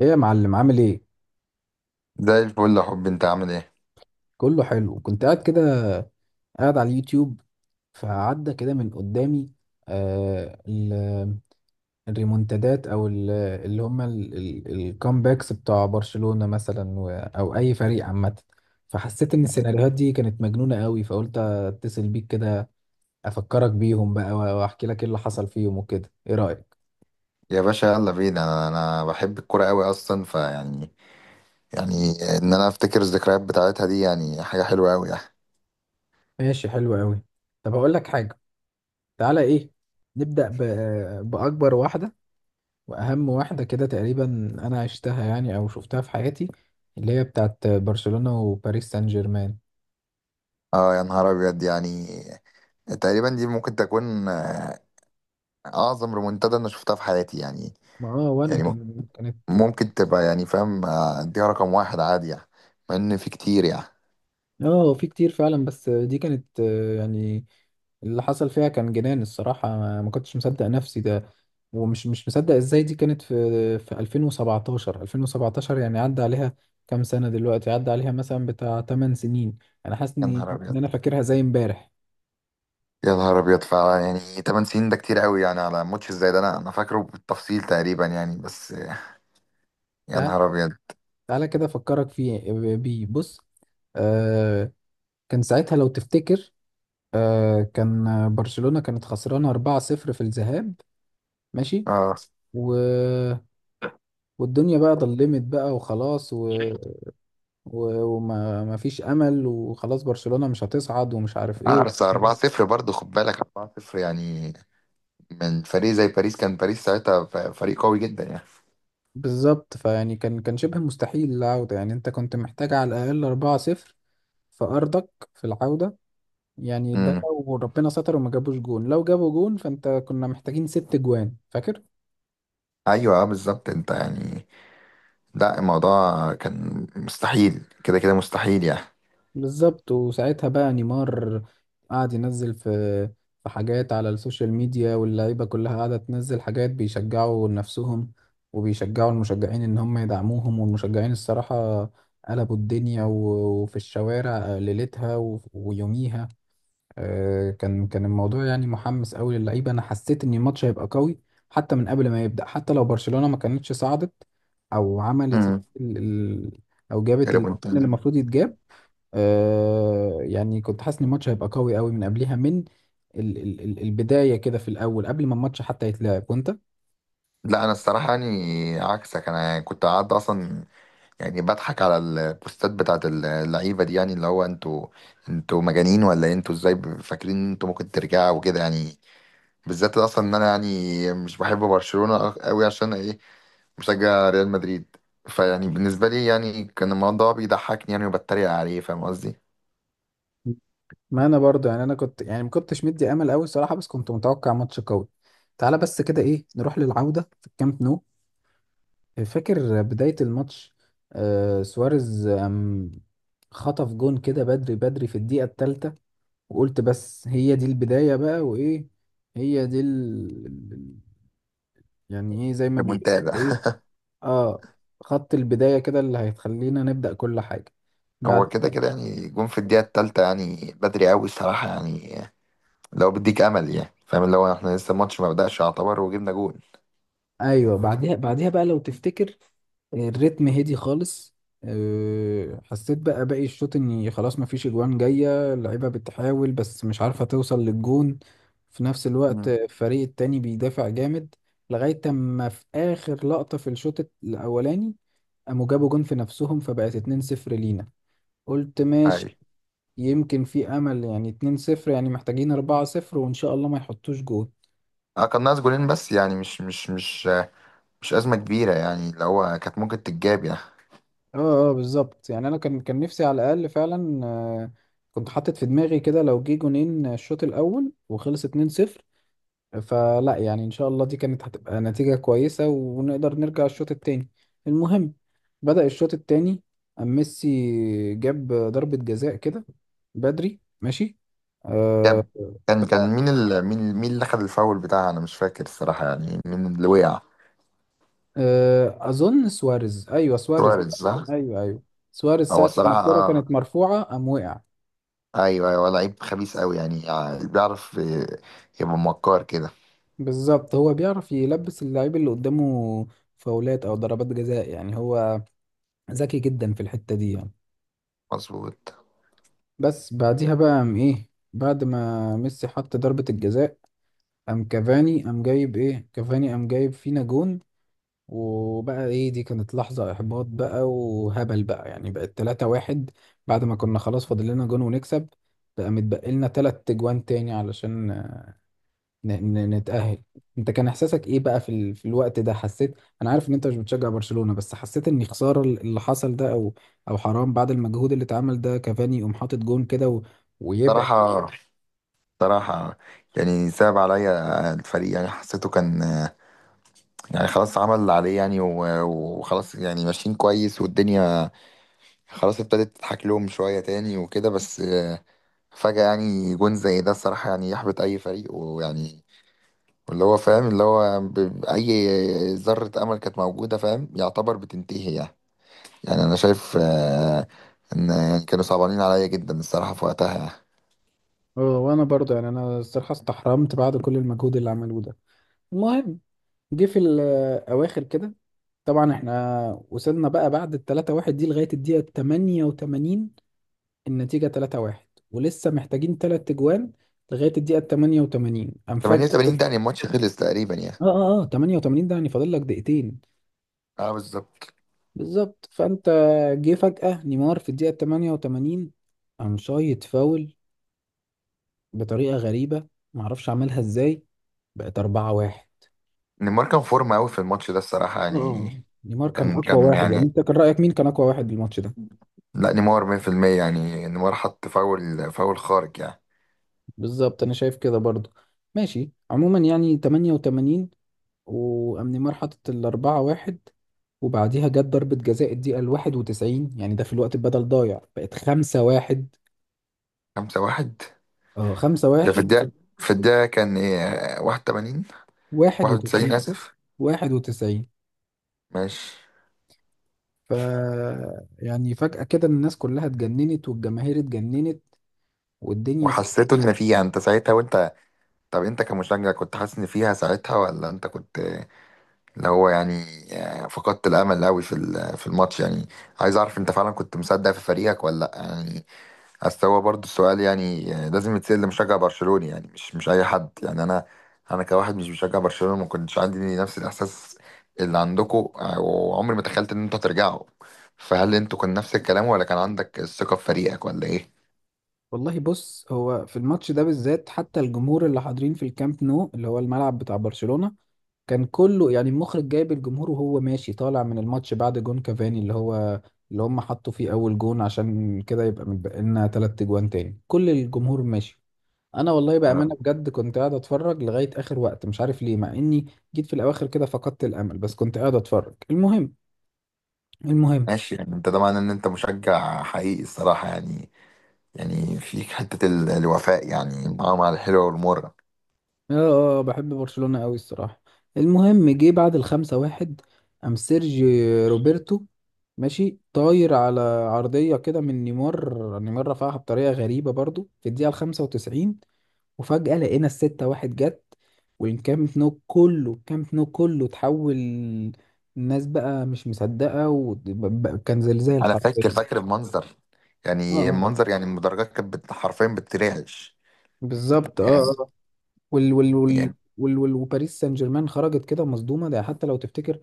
ايه يا معلم، عامل ايه؟ زي الفل يا حبي، انت عامل ايه؟ كله حلو، كنت قاعد كده، قاعد على اليوتيوب، فعدى كده من قدامي آه ال- الريمونتادات او اللي هم الكامباكس بتاع برشلونة مثلا او اي فريق عامة. فحسيت ان السيناريوهات دي كانت مجنونة قوي، فقلت اتصل بيك كده، افكرك بيهم بقى واحكي لك ايه اللي حصل فيهم وكده. ايه رأيك؟ يا باشا، يلا بينا. انا بحب الكوره قوي اصلا، فيعني يعني يعني ان انا افتكر الذكريات بتاعتها دي، يعني حاجه حلوه قوي يعني. ماشي، حلو قوي. طب هقول لك حاجة، تعالى. ايه، نبدأ بأكبر واحدة واهم واحده كده، تقريبا انا عشتها يعني او شفتها في حياتي، اللي هي بتاعت برشلونه وباريس سان جيرمان. اه، يا نهار ابيض، يعني تقريبا دي ممكن تكون اعظم ريمونتادا انا شفتها في حياتي يعني. ما اه، وانا يعني كانت ممكن تبقى يعني فاهم، اديها رقم واحد عادي يعني. مع ان في كتير يعني. اه، في كتير فعلا، بس دي كانت يعني اللي حصل فيها كان جنان. الصراحه ما كنتش مصدق نفسي ده، ومش مش مصدق ازاي. دي كانت في 2017، يعني عدى عليها كام سنه دلوقتي، عدى عليها مثلا بتاع 8 سنين. انا حاسس يا ان، نهار إن ابيض. انا فاكرها زي امبارح. يا نهار ابيض فعلا، يعني 8 سنين ده كتير قوي، يعني على ماتش زي ده انا فاكره بالتفصيل تقريبا يعني بس يا ده نهار ابيض. تعالى كده افكرك فيه، بيه بص. آه، كان ساعتها لو تفتكر، كان برشلونة كانت خسرانة 4-0 في الذهاب، ماشي. اه، و... والدنيا بقى ضلمت بقى وخلاص، وما ما فيش امل، وخلاص برشلونة مش هتصعد ومش عارف ايه أرسنال 4-0 برضه، خد بالك، 4-0 يعني، من فريق زي باريس. كان باريس ساعتها فريق قوي جدا يعني. بالظبط. فيعني كان شبه مستحيل العودة، يعني انت كنت محتاج على الاقل 4-0 في ارضك في العودة. يعني ده امم، لو ربنا ستر وما جابوش جون، لو جابوا جون فانت كنا محتاجين ست جوان، فاكر. ايوه آه، بالظبط انت يعني. لا، الموضوع كان مستحيل، كده كده مستحيل يعني. بالظبط. وساعتها بقى نيمار قعد ينزل في حاجات على السوشيال ميديا، واللعيبة كلها قاعدة تنزل حاجات بيشجعوا نفسهم وبيشجعوا المشجعين ان هم يدعموهم. والمشجعين الصراحة قلبوا الدنيا وفي الشوارع ليلتها ويوميها. كان الموضوع يعني محمس قوي للعيبه، انا حسيت ان الماتش هيبقى قوي حتى من قبل ما يبدا، حتى لو برشلونه ما كانتش صعدت او عملت يعني امم. ال... ال... او جابت الجون اللي ريمونتادا. المفروض يتجاب. آه، يعني كنت حاسس ان الماتش هيبقى قوي قوي من قبلها، من البدايه كده في الاول قبل ما الماتش حتى يتلعب. وانت لا، انا الصراحه يعني عكسك، انا كنت قاعد اصلا يعني بضحك على البوستات بتاعت اللعيبه دي، يعني اللي هو انتوا مجانين ولا إيه؟ انتوا ازاي فاكرين ان انتوا ممكن ترجعوا وكده يعني. بالذات اصلا ان انا يعني مش بحب برشلونه أوي، عشان ايه؟ مشجع ريال مدريد. فيعني بالنسبة لي يعني كان الموضوع بيضحكني يعني، وبتريق عليه، فاهم قصدي؟ ما انا برضه يعني، انا كنت يعني ما كنتش مدي امل قوي الصراحه، بس كنت متوقع ماتش قوي. تعالى بس كده، ايه، نروح للعوده في الكامب نو. فاكر بداية الماتش؟ سواريز خطف جون كده بدري بدري في الدقيقة الثالثة. وقلت بس هي دي البداية بقى، وإيه، هي دي يعني إيه زي ما بيقول، المنتدى إيه، آه، خط البداية كده اللي هيخلينا نبدأ كل حاجة بعد. هو كده كده يعني جون في الدقيقة التالتة يعني بدري أوي الصراحة يعني، لو بديك أمل يعني، فاهم اللي هو احنا لسه الماتش ما بدأش يعتبر، وجبنا جون. ايوه، بعديها بقى لو تفتكر الريتم هدي خالص. حسيت بقى باقي الشوط اني خلاص مفيش اجوان جايه، اللعيبه بتحاول بس مش عارفه توصل للجون، في نفس الوقت مم. الفريق التاني بيدافع جامد، لغايه اما في اخر لقطه في الشوط الاولاني قاموا جابوا جون في نفسهم، فبقت 2-0 لينا. قلت ماشي، عادي. يمكن في امل يعني، 2-0 يعني محتاجين 4-0 وان شاء الله ما يحطوش جون. اه، كان ناقص جولين، بس يعني مش مش أزمة كبيرة يعني، اللي هو كانت ممكن تتجاب يعني. اه اه، بالظبط. يعني انا كان نفسي على الاقل فعلا كنت حاطط في دماغي كده لو جه جونين الشوط الاول وخلص 2-0، فلا يعني ان شاء الله دي كانت هتبقى نتيجة كويسة ونقدر نرجع الشوط التاني. المهم، بدأ الشوط التاني، ميسي جاب ضربة جزاء كده بدري، ماشي. آه، جاب. كان مين مين اللي خد الفاول بتاعها؟ أنا مش فاكر الصراحة، يعني مين اللي وقع؟ اظن سواريز، ايوه سواريز. سواريز، صح؟ ايوه ايوه، سواريز هو ساعة ما الصراحة الكرة اه، كانت مرفوعة قام وقع. ايوه ايوه، لعيب خبيث قوي يعني بيعرف يبقى مكار كده. بالظبط، هو بيعرف يلبس اللعيب اللي قدامه فاولات او ضربات جزاء، يعني هو ذكي جدا في الحتة دي يعني. مظبوط. بس بعديها بقى قام ايه، بعد ما ميسي حط ضربة الجزاء، قام كافاني، قام جايب ايه، كافاني قام جايب فينا جون. وبقى ايه، دي كانت لحظة احباط بقى وهبل بقى، يعني بقت 3 واحد. بعد ما كنا خلاص فاضل لنا جون ونكسب، بقى متبقي لنا 3 جوان تاني علشان نتأهل. انت كان احساسك ايه بقى في، في الوقت ده؟ حسيت، انا عارف ان انت مش بتشجع برشلونة، بس حسيت ان خسارة اللي حصل ده، او او حرام بعد المجهود اللي اتعمل ده، كافاني يقوم حاطط جون كده ويبعد. صراحة، صراحة، يعني صعب عليا الفريق، يعني حسيته كان يعني خلاص عمل اللي عليه يعني وخلاص، يعني ماشيين كويس والدنيا خلاص ابتدت تضحك لهم شوية تاني وكده، بس فجأة يعني جون زي ده الصراحة يعني يحبط أي فريق ويعني، واللي هو فاهم اللي هو أي ذرة أمل كانت موجودة فاهم يعتبر بتنتهي يعني. يعني انا شايف ان يعني كانوا صعبانين عليا جدا الصراحه في وقتها يعني. اه، وانا برضه يعني، انا الصراحة استحرمت بعد كل المجهود اللي عملوه ده. المهم، جه في الاواخر كده، طبعا احنا وصلنا بقى بعد ال 3-1 دي لغاية الدقيقة 88، النتيجة 3-1 ولسه محتاجين تلات اجوان. لغاية الدقيقة 88 قام فجأة، 88 ده يعني الماتش خلص تقريبا يعني. اه اه اه، 88 ده يعني فاضل لك دقيقتين. اه، بالظبط. بالظبط. فانت، جه فجأة نيمار في الدقيقة 88، قام شايط فاول بطريقة غريبة معرفش عملها ازاي، بقت 4 1. نيمار كان فورمه قوي في الماتش ده الصراحه يعني. اه، نيمار كان كان اقوى كان واحد. يعني يعني، انت كان رأيك مين كان اقوى واحد بالماتش ده؟ لا نيمار 100% يعني، نيمار حط فاول، فاول خارج يعني. بالظبط، انا شايف كده برضو. ماشي، عموما يعني 88، وقام نيمار حاطط ال 4 1، وبعديها جت ضربة جزاء الدقيقة ال 91، يعني ده في الوقت بدل ضايع، بقت 5 1. 5-1، اه، ده في 5-1. الدقيقه. في الدقيقه كان ايه، 81؟ واحد 91، وتسعين. اسف. واحد وتسعين ماشي. ف يعني فجأة كده الناس كلها اتجننت والجماهير اتجننت والدنيا وحسيته ان فيها انت ساعتها، وانت طب انت كمشجع كنت حاسس ان فيها ساعتها؟ ولا انت كنت اللي هو يعني فقدت الامل قوي في في الماتش يعني. عايز اعرف انت فعلا كنت مصدق في فريقك ولا لا يعني. اصل هو برضه السؤال يعني لازم يتسال لمشجع برشلوني يعني، مش اي حد يعني. انا انا كواحد مش بشجع برشلونة، ما كنتش عندي نفس الاحساس اللي عندكم، وعمري ما تخيلت ان انتوا هترجعوا. فهل انتوا كان نفس الكلام، ولا كان عندك الثقة في فريقك ولا ايه؟ والله بص، هو في الماتش ده بالذات حتى الجمهور اللي حاضرين في الكامب نو اللي هو الملعب بتاع برشلونة، كان كله يعني المخرج جايب الجمهور وهو ماشي طالع من الماتش بعد جون كافاني اللي هو اللي هم حطوا فيه أول جون، عشان كده يبقى متبقى لنا تلات أجوان تاني، كل الجمهور ماشي. انا والله بامانه آه، بجد كنت قاعد اتفرج لغايه اخر وقت، مش عارف ليه. مع اني جيت في الاواخر كده فقدت الامل، بس كنت قاعد اتفرج. المهم، المهم ماشي يعني. انت ده معناه ان انت مشجع حقيقي الصراحة يعني، يعني فيك حتة الوفاء يعني، مع مع الحلوة والمرة. اه، بحب برشلونه قوي الصراحه. المهم، جه بعد الخمسة واحد، قام سيرجي روبرتو ماشي طاير على عرضيه كده من نيمار، رفعها بطريقه غريبه برضو في الدقيقه الخمسة وتسعين، وفجأة لقينا الستة واحد جت. والكامب نو كله، اتحول. الناس بقى مش مصدقة، وكان زلزال انا حرفيا. فاكر المنظر، اه يعني اه، المنظر يعني، المدرجات كانت حرفيا بترعش بالظبط، اه يعني. اه آه. وال وال وال يعني وال وال وباريس سان جيرمان خرجت كده مصدومة. ده حتى لو تفتكر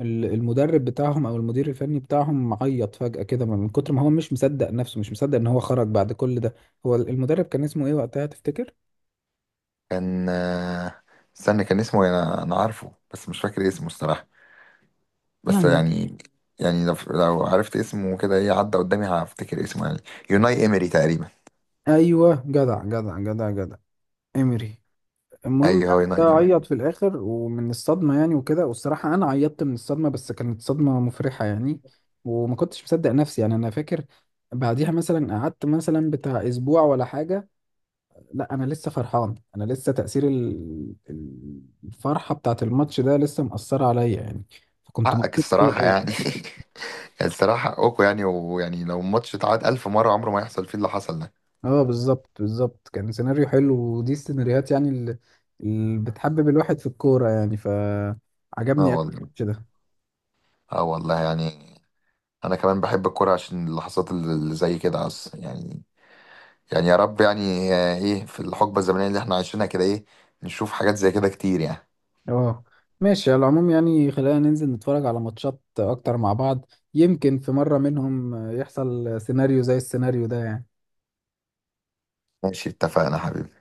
المدرب بتاعهم او المدير الفني بتاعهم عيط فجأة كده من كتر ما هو مش مصدق نفسه، مش مصدق ان هو خرج بعد كل ده. هو المدرب كان اسمه ايه وقتها تفتكر؟ كان استنى، كان اسمه إيه؟ انا انا عارفه بس مش فاكر اسمه الصراحه. بس يعني، يعني، يعني لو عرفت اسمه، كده ايه عدى قدامي هفتكر اسمه يعني. يوناي امري تقريبا. ايوه، جدع جدع جدع جدع. امري. المهم ايوه، هو يعني يوناي ده امري. عيط في الاخر ومن الصدمه يعني وكده، والصراحه انا عيطت من الصدمه، بس كانت صدمه مفرحه يعني، وما كنتش مصدق نفسي. يعني انا فاكر بعديها مثلا قعدت مثلا بتاع اسبوع ولا حاجه، لا، انا لسه فرحان، انا لسه تاثير الفرحه بتاعت الماتش ده لسه مأثره عليا يعني، فكنت حقك مبسوط قوي الصراحه قوي. يعني يعني الصراحه حقكوا يعني، ويعني لو الماتش اتعاد ألف مره عمره ما يحصل فيه اللي حصل ده. اه بالظبط، كان سيناريو حلو، ودي السيناريوهات يعني اللي، اللي بتحبب الواحد في الكوره يعني، اه فعجبني قوي والله، الماتش ده. اه والله يعني. انا كمان بحب الكوره عشان اللحظات اللي زي كده عس يعني. يعني يا رب يعني ايه في الحقبه الزمنيه اللي احنا عايشينها كده، ايه، نشوف حاجات زي كده كتير يعني. اه. ماشي، على العموم يعني خلينا ننزل نتفرج على ماتشات اكتر مع بعض، يمكن في مرة منهم يحصل سيناريو زي السيناريو ده يعني. ماشي، اتفقنا حبيبي.